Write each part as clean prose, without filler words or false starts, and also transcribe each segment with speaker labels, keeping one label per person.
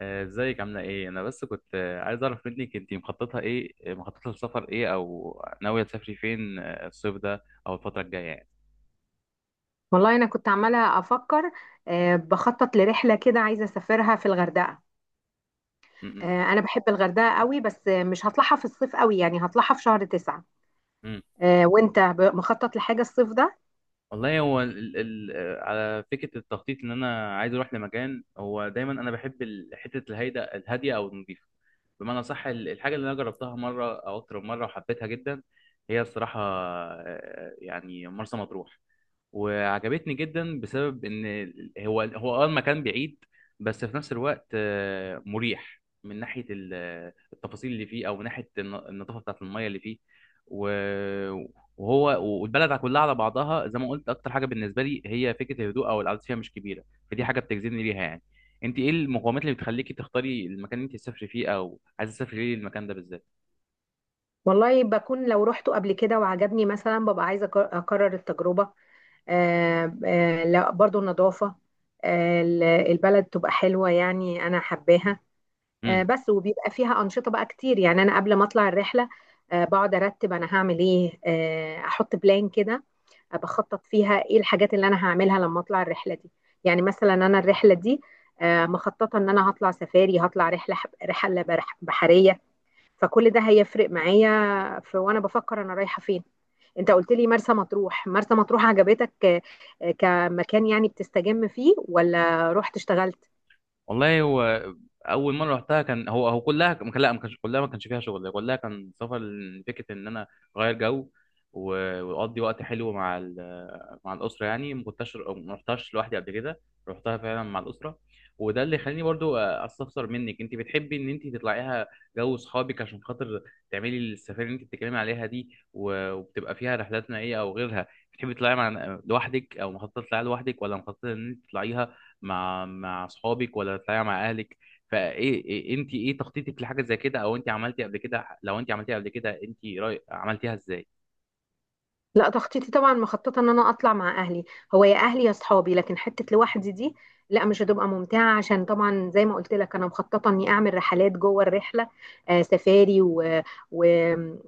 Speaker 1: ازيك عاملة ايه؟ أنا بس كنت عايز أعرف منك انتي مخططة ايه، مخططة للسفر ايه أو ناوية تسافري فين، الصيف ده أو الفترة الجاية يعني.
Speaker 2: والله انا كنت عماله افكر، بخطط لرحله كده عايزه اسافرها في الغردقه.
Speaker 1: م- م-
Speaker 2: انا بحب الغردقه قوي، بس مش هطلعها في الصيف قوي، يعني هطلعها في شهر 9.
Speaker 1: م.
Speaker 2: وانت مخطط لحاجه الصيف ده؟
Speaker 1: والله هو ال ال آه، على فكرة التخطيط إن أنا عايز أروح لمكان، هو دايما أنا بحب حتة الهيدا الهادية أو النظيفة، بمعنى صح. الحاجة اللي أنا جربتها مرة أو أكتر من مرة وحبيتها جدا هي الصراحة، يعني مرسى مطروح، وعجبتني جدا بسبب ان هو المكان بعيد، بس في نفس الوقت مريح من ناحيه التفاصيل اللي فيه او من ناحيه النظافه بتاعت الميه اللي فيه. و- وهو والبلد كلها على بعضها زي ما قلت اكتر حاجه بالنسبه لي هي فكره الهدوء، او القعده فيها مش كبيره، فدي حاجه بتجذبني ليها يعني. انت ايه المقومات اللي بتخليكي تختاري المكان اللي انت تسافري فيه، او عايزه تسافري ليه المكان ده بالذات؟
Speaker 2: والله بكون لو روحته قبل كده وعجبني مثلا ببقى عايزه اكرر التجربه. لا، برضو النظافه. البلد تبقى حلوه، يعني انا حباها. بس وبيبقى فيها أنشطة بقى كتير، يعني أنا قبل ما أطلع الرحلة بقعد أرتب أنا هعمل إيه، أحط بلان كده. بخطط فيها إيه الحاجات اللي أنا هعملها لما أطلع الرحلة دي. يعني مثلا أنا الرحلة دي مخططة إن أنا هطلع سفاري، هطلع رحلة، رحلة بحرية. فكل ده هيفرق معايا في، وأنا بفكر أنا رايحة فين. انت قلت لي مرسى مطروح، مرسى مطروح عجبتك كمكان، يعني بتستجم فيه ولا رحت اشتغلت؟
Speaker 1: والله هو اول مره رحتها كان هو كلها ما كان- لا، ما كانش كلها، ما كانش فيها شغل، كلها كان سفر. فكره ان انا اغير جو واقضي وقت حلو مع مع الاسره يعني، ما رحتهاش لوحدي قبل كده، رحتها فعلا مع الاسره. وده اللي خلاني برضو استفسر منك انت بتحبي ان انت تطلعيها جو اصحابك، عشان خاطر تعملي السفاري اللي انت بتتكلمي عليها دي، وبتبقى فيها رحلات نائيه او غيرها. بتحبي تطلعيها مع لوحدك او مخططه تطلعيها لوحدك، ولا مخططه ان انت تطلعيها مع اصحابك، ولا تطلعي مع اهلك؟ فايه إيه انت ايه تخطيطك لحاجه زي كده؟ او انت عملتي قبل كده؟ لو انت عملتيها قبل كده انت رأي عملتيها ازاي؟
Speaker 2: لا، تخطيطي طبعا مخططه ان انا اطلع مع اهلي، هو يا اهلي يا اصحابي، لكن حته لوحدي دي لا، مش هتبقى ممتعه، عشان طبعا زي ما قلت لك انا مخططه اني اعمل رحلات جوه الرحله. سفاري و...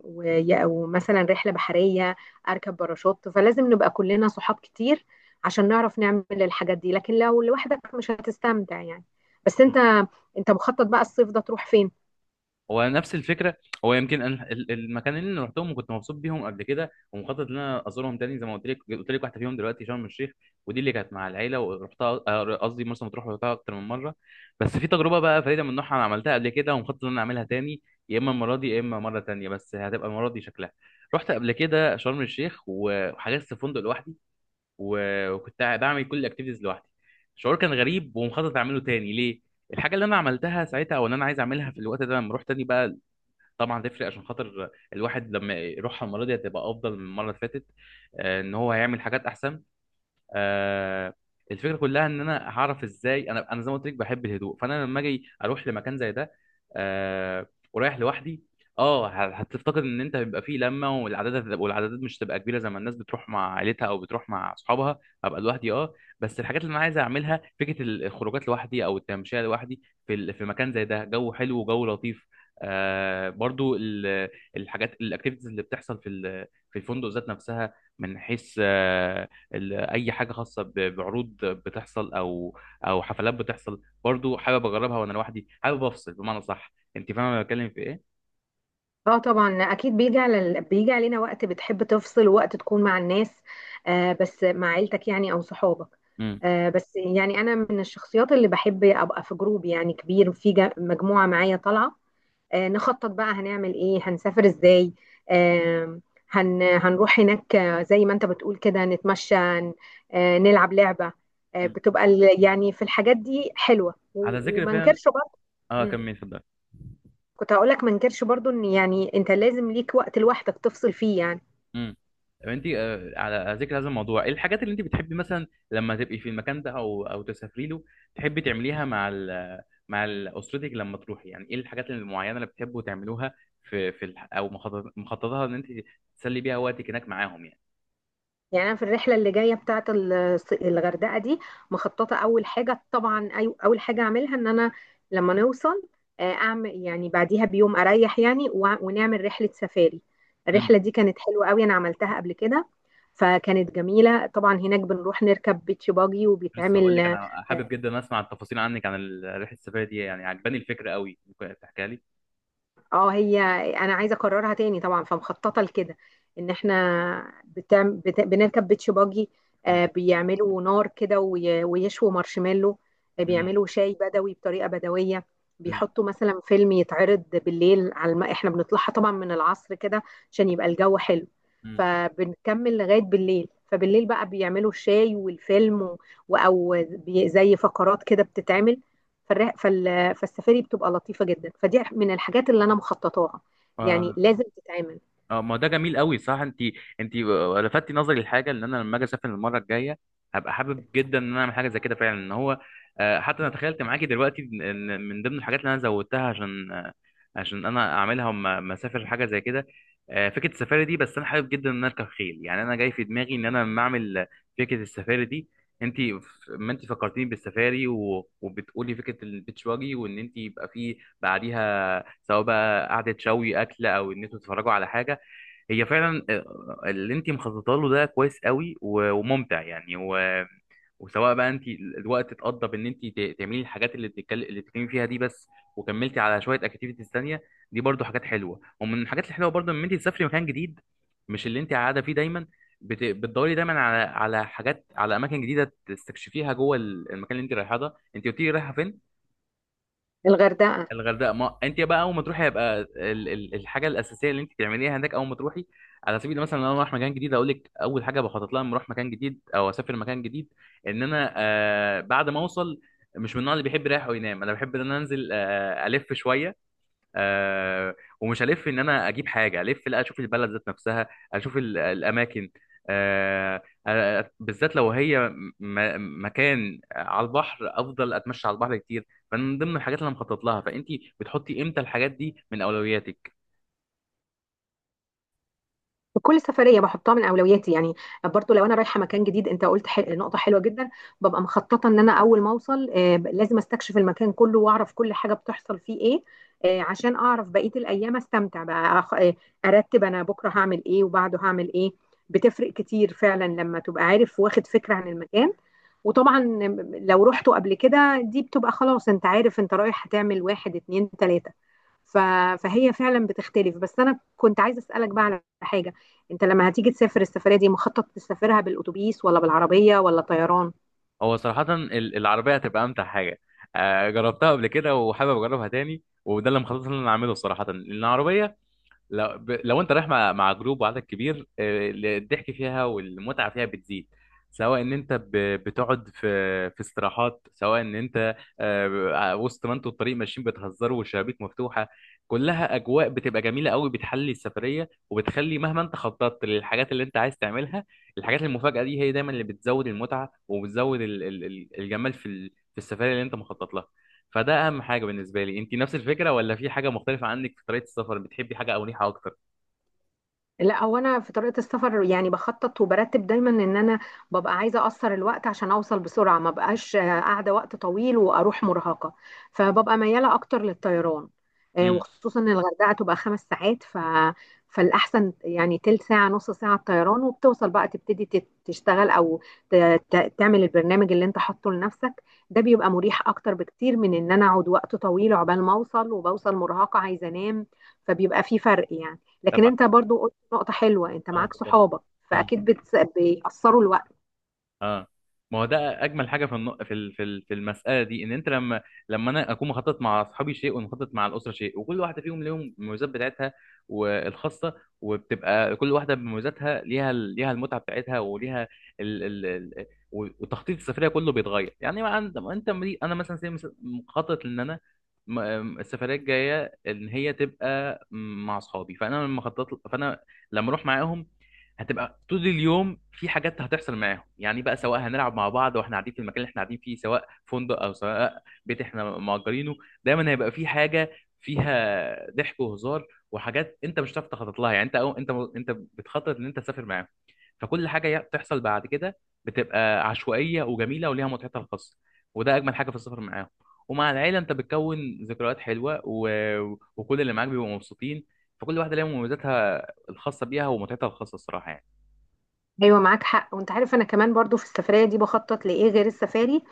Speaker 2: و... ومثلا رحله بحريه، اركب باراشوت، فلازم نبقى كلنا صحاب كتير عشان نعرف نعمل الحاجات دي، لكن لو لوحدك مش هتستمتع يعني. بس انت مخطط بقى الصيف ده تروح فين؟
Speaker 1: هو نفس الفكره، هو يمكن أنا المكانين اللي رحتهم وكنت مبسوط بيهم قبل كده ومخطط ان انا ازورهم تاني، زي ما قلت لك، واحده فيهم دلوقتي شرم الشيخ، ودي اللي كانت مع العيله، ورحتها قصدي مرسى مطروح، ورحتها اكتر من مره. بس في تجربه بقى فريده من نوعها انا عملتها قبل كده ومخطط ان انا اعملها تاني، يا اما المره دي يا اما مره تانيه، بس هتبقى المره دي شكلها. رحت قبل كده شرم الشيخ وحجزت فندق لوحدي، وكنت بعمل كل الاكتيفيتيز لوحدي. شعور كان غريب، ومخطط اعمله تاني. ليه؟ الحاجه اللي انا عملتها ساعتها او ان انا عايز اعملها في الوقت ده لما اروح تاني بقى، طبعا تفرق عشان خاطر الواحد لما يروحها المره دي هتبقى افضل من المره اللي فاتت، ان هو هيعمل حاجات احسن. آه، الفكره كلها ان انا هعرف ازاي. انا زي ما قلت لك بحب الهدوء، فانا لما اجي اروح لمكان زي ده، آه، ورايح لوحدي، اه، هتفتقد ان انت هيبقى فيه لمه، والعدادات مش هتبقى كبيره زي ما الناس بتروح مع عيلتها او بتروح مع اصحابها. هبقى لوحدي، اه. بس الحاجات اللي انا عايز اعملها فكره الخروجات لوحدي، او التمشيه لوحدي في في مكان زي ده، جو حلو وجو لطيف. آه، برضو الحاجات الاكتيفيتيز اللي بتحصل في في الفندق ذات نفسها، من حيث اي حاجه خاصه بعروض بتحصل او او حفلات بتحصل، برضو حابب اجربها وانا لوحدي، حابب افصل بمعنى صح. انت فاهمه انا بتكلم في ايه؟
Speaker 2: اه طبعا، اكيد بيجي علينا وقت بتحب تفصل، وقت تكون مع الناس، بس مع عيلتك يعني او صحابك.
Speaker 1: امم.
Speaker 2: بس يعني انا من الشخصيات اللي بحب ابقى في جروب يعني كبير، مجموعة معايا طالعة، نخطط بقى هنعمل ايه، هنسافر ازاي. آه هنروح هناك، زي ما انت بتقول كده، نتمشى، نلعب لعبة. يعني في الحاجات دي حلوة،
Speaker 1: على ذكر
Speaker 2: وما
Speaker 1: فعلا،
Speaker 2: انكرش. برضه
Speaker 1: اه كمل اتفضل.
Speaker 2: كنت هقولك، ما انكرش برضو ان يعني انت لازم ليك وقت لوحدك تفصل فيه يعني.
Speaker 1: امم. طب انت على ذكر هذا الموضوع، ايه الحاجات اللي انت بتحبي مثلا لما تبقي في المكان ده، او او تسافري له، تحبي تعمليها مع اسرتك لما تروحي؟ يعني ايه الحاجات المعينه اللي بتحبوا تعملوها في مخططها ان انت تسلي بيها وقتك هناك معاهم
Speaker 2: يعني انا في الرحله اللي جايه بتاعه الغردقه دي، مخططه اول حاجه طبعا، اول حاجه اعملها ان انا لما نوصل، اعمل يعني بعديها بيوم اريح يعني، ونعمل رحله سفاري.
Speaker 1: يعني؟
Speaker 2: الرحله دي كانت حلوه قوي، انا عملتها قبل كده فكانت جميله. طبعا هناك بنروح نركب بيتش باجي
Speaker 1: لسه هقول لك،
Speaker 2: وبيتعمل.
Speaker 1: انا حابب جدا اسمع التفاصيل عنك عن رحله السفريه دي يعني، عجباني الفكره قوي، ممكن تحكيها لي؟
Speaker 2: اه هي انا عايزه اكررها تاني طبعا، فمخططه لكده ان احنا بنركب بيتش باجي، بيعملوا نار كده ويشووا مارشميلو،
Speaker 1: امم.
Speaker 2: بيعملوا شاي بدوي بطريقه بدويه،
Speaker 1: امم.
Speaker 2: بيحطوا مثلا فيلم يتعرض بالليل احنا بنطلعها طبعا من العصر كده عشان يبقى الجو حلو، فبنكمل لغايه بالليل. فبالليل بقى بيعملوا الشاي والفيلم، او زي فقرات كده بتتعمل. فالر... فال... فالسفاري بتبقى لطيفة جدا، فدي من الحاجات اللي انا مخططاها، يعني
Speaker 1: امم.
Speaker 2: لازم تتعمل.
Speaker 1: اه، ما ده جميل قوي، صح. انت لفتي نظري لحاجه، ان انا لما اجي اسافر المره الجايه هبقى حابب جدا ان انا اعمل حاجه زي كده فعلا، ان هو، حتى انا تخيلت معاكي دلوقتي ان إن من ضمن الحاجات اللي انا زودتها عشان عشان انا اعملها ما اسافر حاجه زي كده، فكره السفاري دي. بس انا حابب جدا ان انا اركب خيل يعني، انا جاي في دماغي ان انا لما اعمل فكره السفاري دي، انت، ما انت فكرتيني بالسفاري وبتقولي فكره البيتش واجي، وان انت يبقى في بعديها سواء بقى قعده شوي اكل او ان انتوا تتفرجوا على حاجه، هي فعلا اللي انت مخططه له ده كويس قوي وممتع يعني. و... وسواء بقى انت الوقت اتقضى بان انت تعملي الحاجات اللي اللي بتتكلمي فيها دي بس، وكملتي على شويه اكتيفيتيز تانية، دي برضو حاجات حلوه. ومن الحاجات الحلوه برضو ان انت تسافري مكان جديد مش اللي انت قاعده فيه دايما، بتدوري دايما على على حاجات، على اماكن جديده تستكشفيها جوه المكان اللي انت رايحاه ده. انت قلتي لي رايحه فين؟
Speaker 2: الغردقة.
Speaker 1: الغردقه. ما انت بقى اول ما تروحي هيبقى الحاجه الاساسيه اللي انت تعمليها هناك اول ما تروحي، على سبيل المثل، لو انا رايح مكان جديد اقول لك، اول حاجه بخطط لها لما اروح مكان جديد او اسافر مكان جديد، ان انا آه بعد ما اوصل مش من النوع اللي بيحب يريح وينام، انا بحب ان انا انزل آه الف شويه. آه، ومش هلف ان انا اجيب حاجه، الف لا، اشوف البلد ذات نفسها، اشوف الاماكن. آه، بالذات لو هي مكان على البحر، افضل اتمشى على البحر كتير، فمن ضمن الحاجات اللي انا مخطط لها. فانت بتحطي امتى الحاجات دي من اولوياتك؟
Speaker 2: كل سفرية بحطها من أولوياتي يعني، برضو لو أنا رايحة مكان جديد. أنت قلت نقطة حلوة جدا. ببقى مخططة إن أنا أول ما أوصل، لازم أستكشف المكان كله وأعرف كل حاجة بتحصل فيه إيه، عشان أعرف بقية الأيام أستمتع بقى أخ... آه، أرتب أنا بكرة هعمل إيه وبعده هعمل إيه. بتفرق كتير فعلا لما تبقى عارف واخد فكرة عن المكان، وطبعا لو رحته قبل كده دي بتبقى خلاص، انت عارف انت رايح هتعمل 1 2 3. ف... فهي فعلا بتختلف، بس انا كنت عايزة اسألك بقى على حاجة. انت لما هتيجي تسافر السفريه دي مخطط تسافرها بالاتوبيس ولا بالعربيه ولا طيران؟
Speaker 1: هو صراحه العربيه هتبقى امتع حاجه، آه جربتها قبل كده وحابب اجربها تاني، وده اللي مخطط ان انا اعمله صراحه. لان العربيه لو لو انت رايح مع جروب وعدد كبير، الضحك فيها والمتعه فيها بتزيد، سواء ان انت بتقعد في في استراحات، سواء ان انت وسط ما انتوا الطريق ماشيين بتهزروا والشبابيك مفتوحه، كلها اجواء بتبقى جميله قوي، بتحلي السفريه، وبتخلي مهما انت خططت للحاجات اللي انت عايز تعملها، الحاجات المفاجاه دي هي دايما اللي بتزود المتعه، وبتزود الجمال في في السفريه اللي انت مخطط لها. فده اهم حاجه بالنسبه لي. انت نفس الفكره ولا في حاجه مختلفه عنك في طريقه السفر؟ بتحبي حاجه او نيحه اكتر؟
Speaker 2: لا، هو انا في طريقه السفر يعني بخطط وبرتب دايما ان انا ببقى عايزه اقصر الوقت عشان اوصل بسرعه، ما بقاش قاعده وقت طويل واروح مرهقه، فببقى مياله اكتر للطيران،
Speaker 1: امم.
Speaker 2: وخصوصا ان الغردقه تبقى 5 ساعات، ف فالاحسن يعني تلت ساعه نص ساعه الطيران، وبتوصل بقى تبتدي تشتغل، او ت... تعمل البرنامج اللي انت حاطه لنفسك. ده بيبقى مريح اكتر بكتير من ان انا اقعد وقت طويل عقبال ما اوصل، وبوصل مرهقه عايزه انام، فبيبقى في فرق يعني. لكن
Speaker 1: طب انا
Speaker 2: انت برضو نقطة حلوة، انت معاك
Speaker 1: افضل.
Speaker 2: صحابك فاكيد بيقصروا الوقت.
Speaker 1: اه، ما هو ده اجمل حاجه في الن... في ال- في ال- في المساله دي، ان انت لما، انا اكون مخطط مع اصحابي شيء، ومخطط مع الاسره شيء، وكل واحده فيهم ليهم المميزات بتاعتها والخاصه، وبتبقى كل واحده بمميزاتها ليها ليها المتعه بتاعتها وليها ال... ال... ال... وتخطيط السفريه كله بيتغير يعني. ما عند... ما انت مري... انا مثلا، زي مثلا مخطط ان انا م- السفريه الجايه ان هي تبقى مع اصحابي، فانا لما خططت، لما اروح معاهم هتبقى طول اليوم في حاجات هتحصل معاهم يعني بقى، سواء هنلعب مع بعض واحنا قاعدين في المكان اللي احنا قاعدين فيه، سواء فندق او سواء بيت احنا مأجرينه، دايما هيبقى في حاجه فيها ضحك وهزار، وحاجات انت مش هتعرف تخطط لها يعني. انت بتخطط ان انت تسافر معاهم، فكل حاجه تحصل بعد كده بتبقى عشوائيه وجميله وليها متعتها الخاصه، وده اجمل حاجه في السفر معاهم. ومع العيله انت بتكون ذكريات حلوه، و... وكل اللي معاك بيبقوا مبسوطين، فكل واحده ليها مميزاتها الخاصه بيها ومتعتها الخاصه الصراحه يعني.
Speaker 2: ايوه، معاك حق. وانت عارف انا كمان برضو في السفرية دي بخطط لايه غير السفاري؟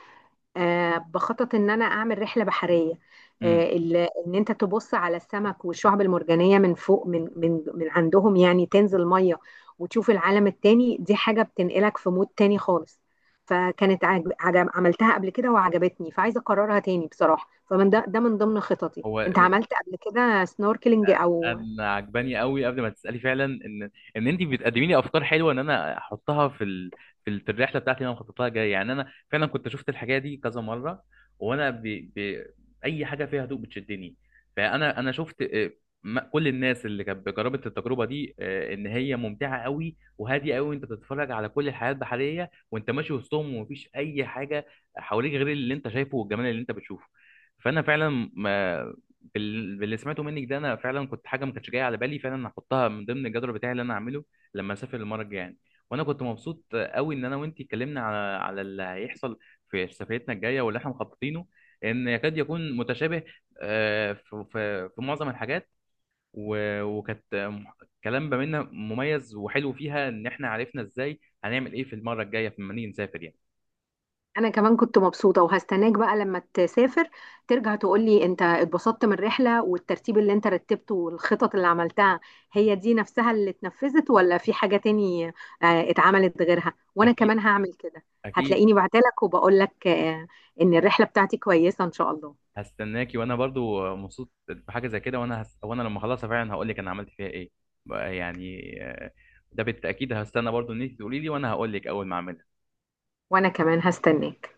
Speaker 2: بخطط ان انا اعمل رحلة بحرية،
Speaker 1: امم.
Speaker 2: ان انت تبص على السمك والشعب المرجانية من فوق، من عندهم، يعني تنزل مية وتشوف العالم التاني. دي حاجة بتنقلك في مود تاني خالص. عملتها قبل كده وعجبتني، فعايزة اكررها تاني بصراحة، فمن ده من ضمن خططي.
Speaker 1: هو
Speaker 2: انت
Speaker 1: م-
Speaker 2: عملت قبل كده سنوركلينج او؟
Speaker 1: انا عجباني قوي قبل ما تسالي فعلا، ان ان انت بتقدمي لي افكار حلوه ان انا احطها في في الرحله بتاعتي اللي انا مخطط لها جايه يعني. انا فعلا كنت شفت الحاجه دي كذا مره، وانا ب... ب... اي حاجه فيها هدوء بتشدني. انا شفت كل الناس اللي كانت جربت التجربه دي، ان هي ممتعه قوي وهاديه قوي، وانت بتتفرج على كل الحياه البحريه وانت ماشي وسطهم، ومفيش اي حاجه حواليك غير اللي انت شايفه والجمال اللي انت بتشوفه. فانا فعلا باللي سمعته منك ده، انا فعلا كنت حاجه ما كانتش جايه على بالي، فعلا هحطها من ضمن الجدول بتاعي اللي انا هعمله لما اسافر المره الجايه يعني. وانا كنت مبسوط قوي ان انا وانت اتكلمنا على على اللي هيحصل في سفريتنا الجايه واللي احنا مخططينه، ان يكاد يكون متشابه في معظم الحاجات، وكانت كلام ما بيننا مميز وحلو فيها، ان احنا عرفنا ازاي هنعمل ايه في المره الجايه لما نيجي نسافر يعني.
Speaker 2: انا كمان كنت مبسوطه، وهستناك بقى لما تسافر ترجع تقولي انت اتبسطت من الرحله والترتيب اللي انت رتبته والخطط اللي عملتها، هي دي نفسها اللي اتنفذت ولا في حاجه تاني اتعملت غيرها، وانا
Speaker 1: اكيد
Speaker 2: كمان هعمل كده.
Speaker 1: اكيد.
Speaker 2: هتلاقيني بعتلك وبقولك ان الرحله بتاعتي كويسه ان شاء الله.
Speaker 1: هستناكي، وانا برضو مبسوط بحاجه زي كده، وانا لما اخلصها فعلا هقول لك انا عملت فيها ايه بقى يعني، ده بالتاكيد. هستنى برضو ان انت تقولي لي، وانا هقول لك اول ما اعملها.
Speaker 2: وانا كمان هستناك.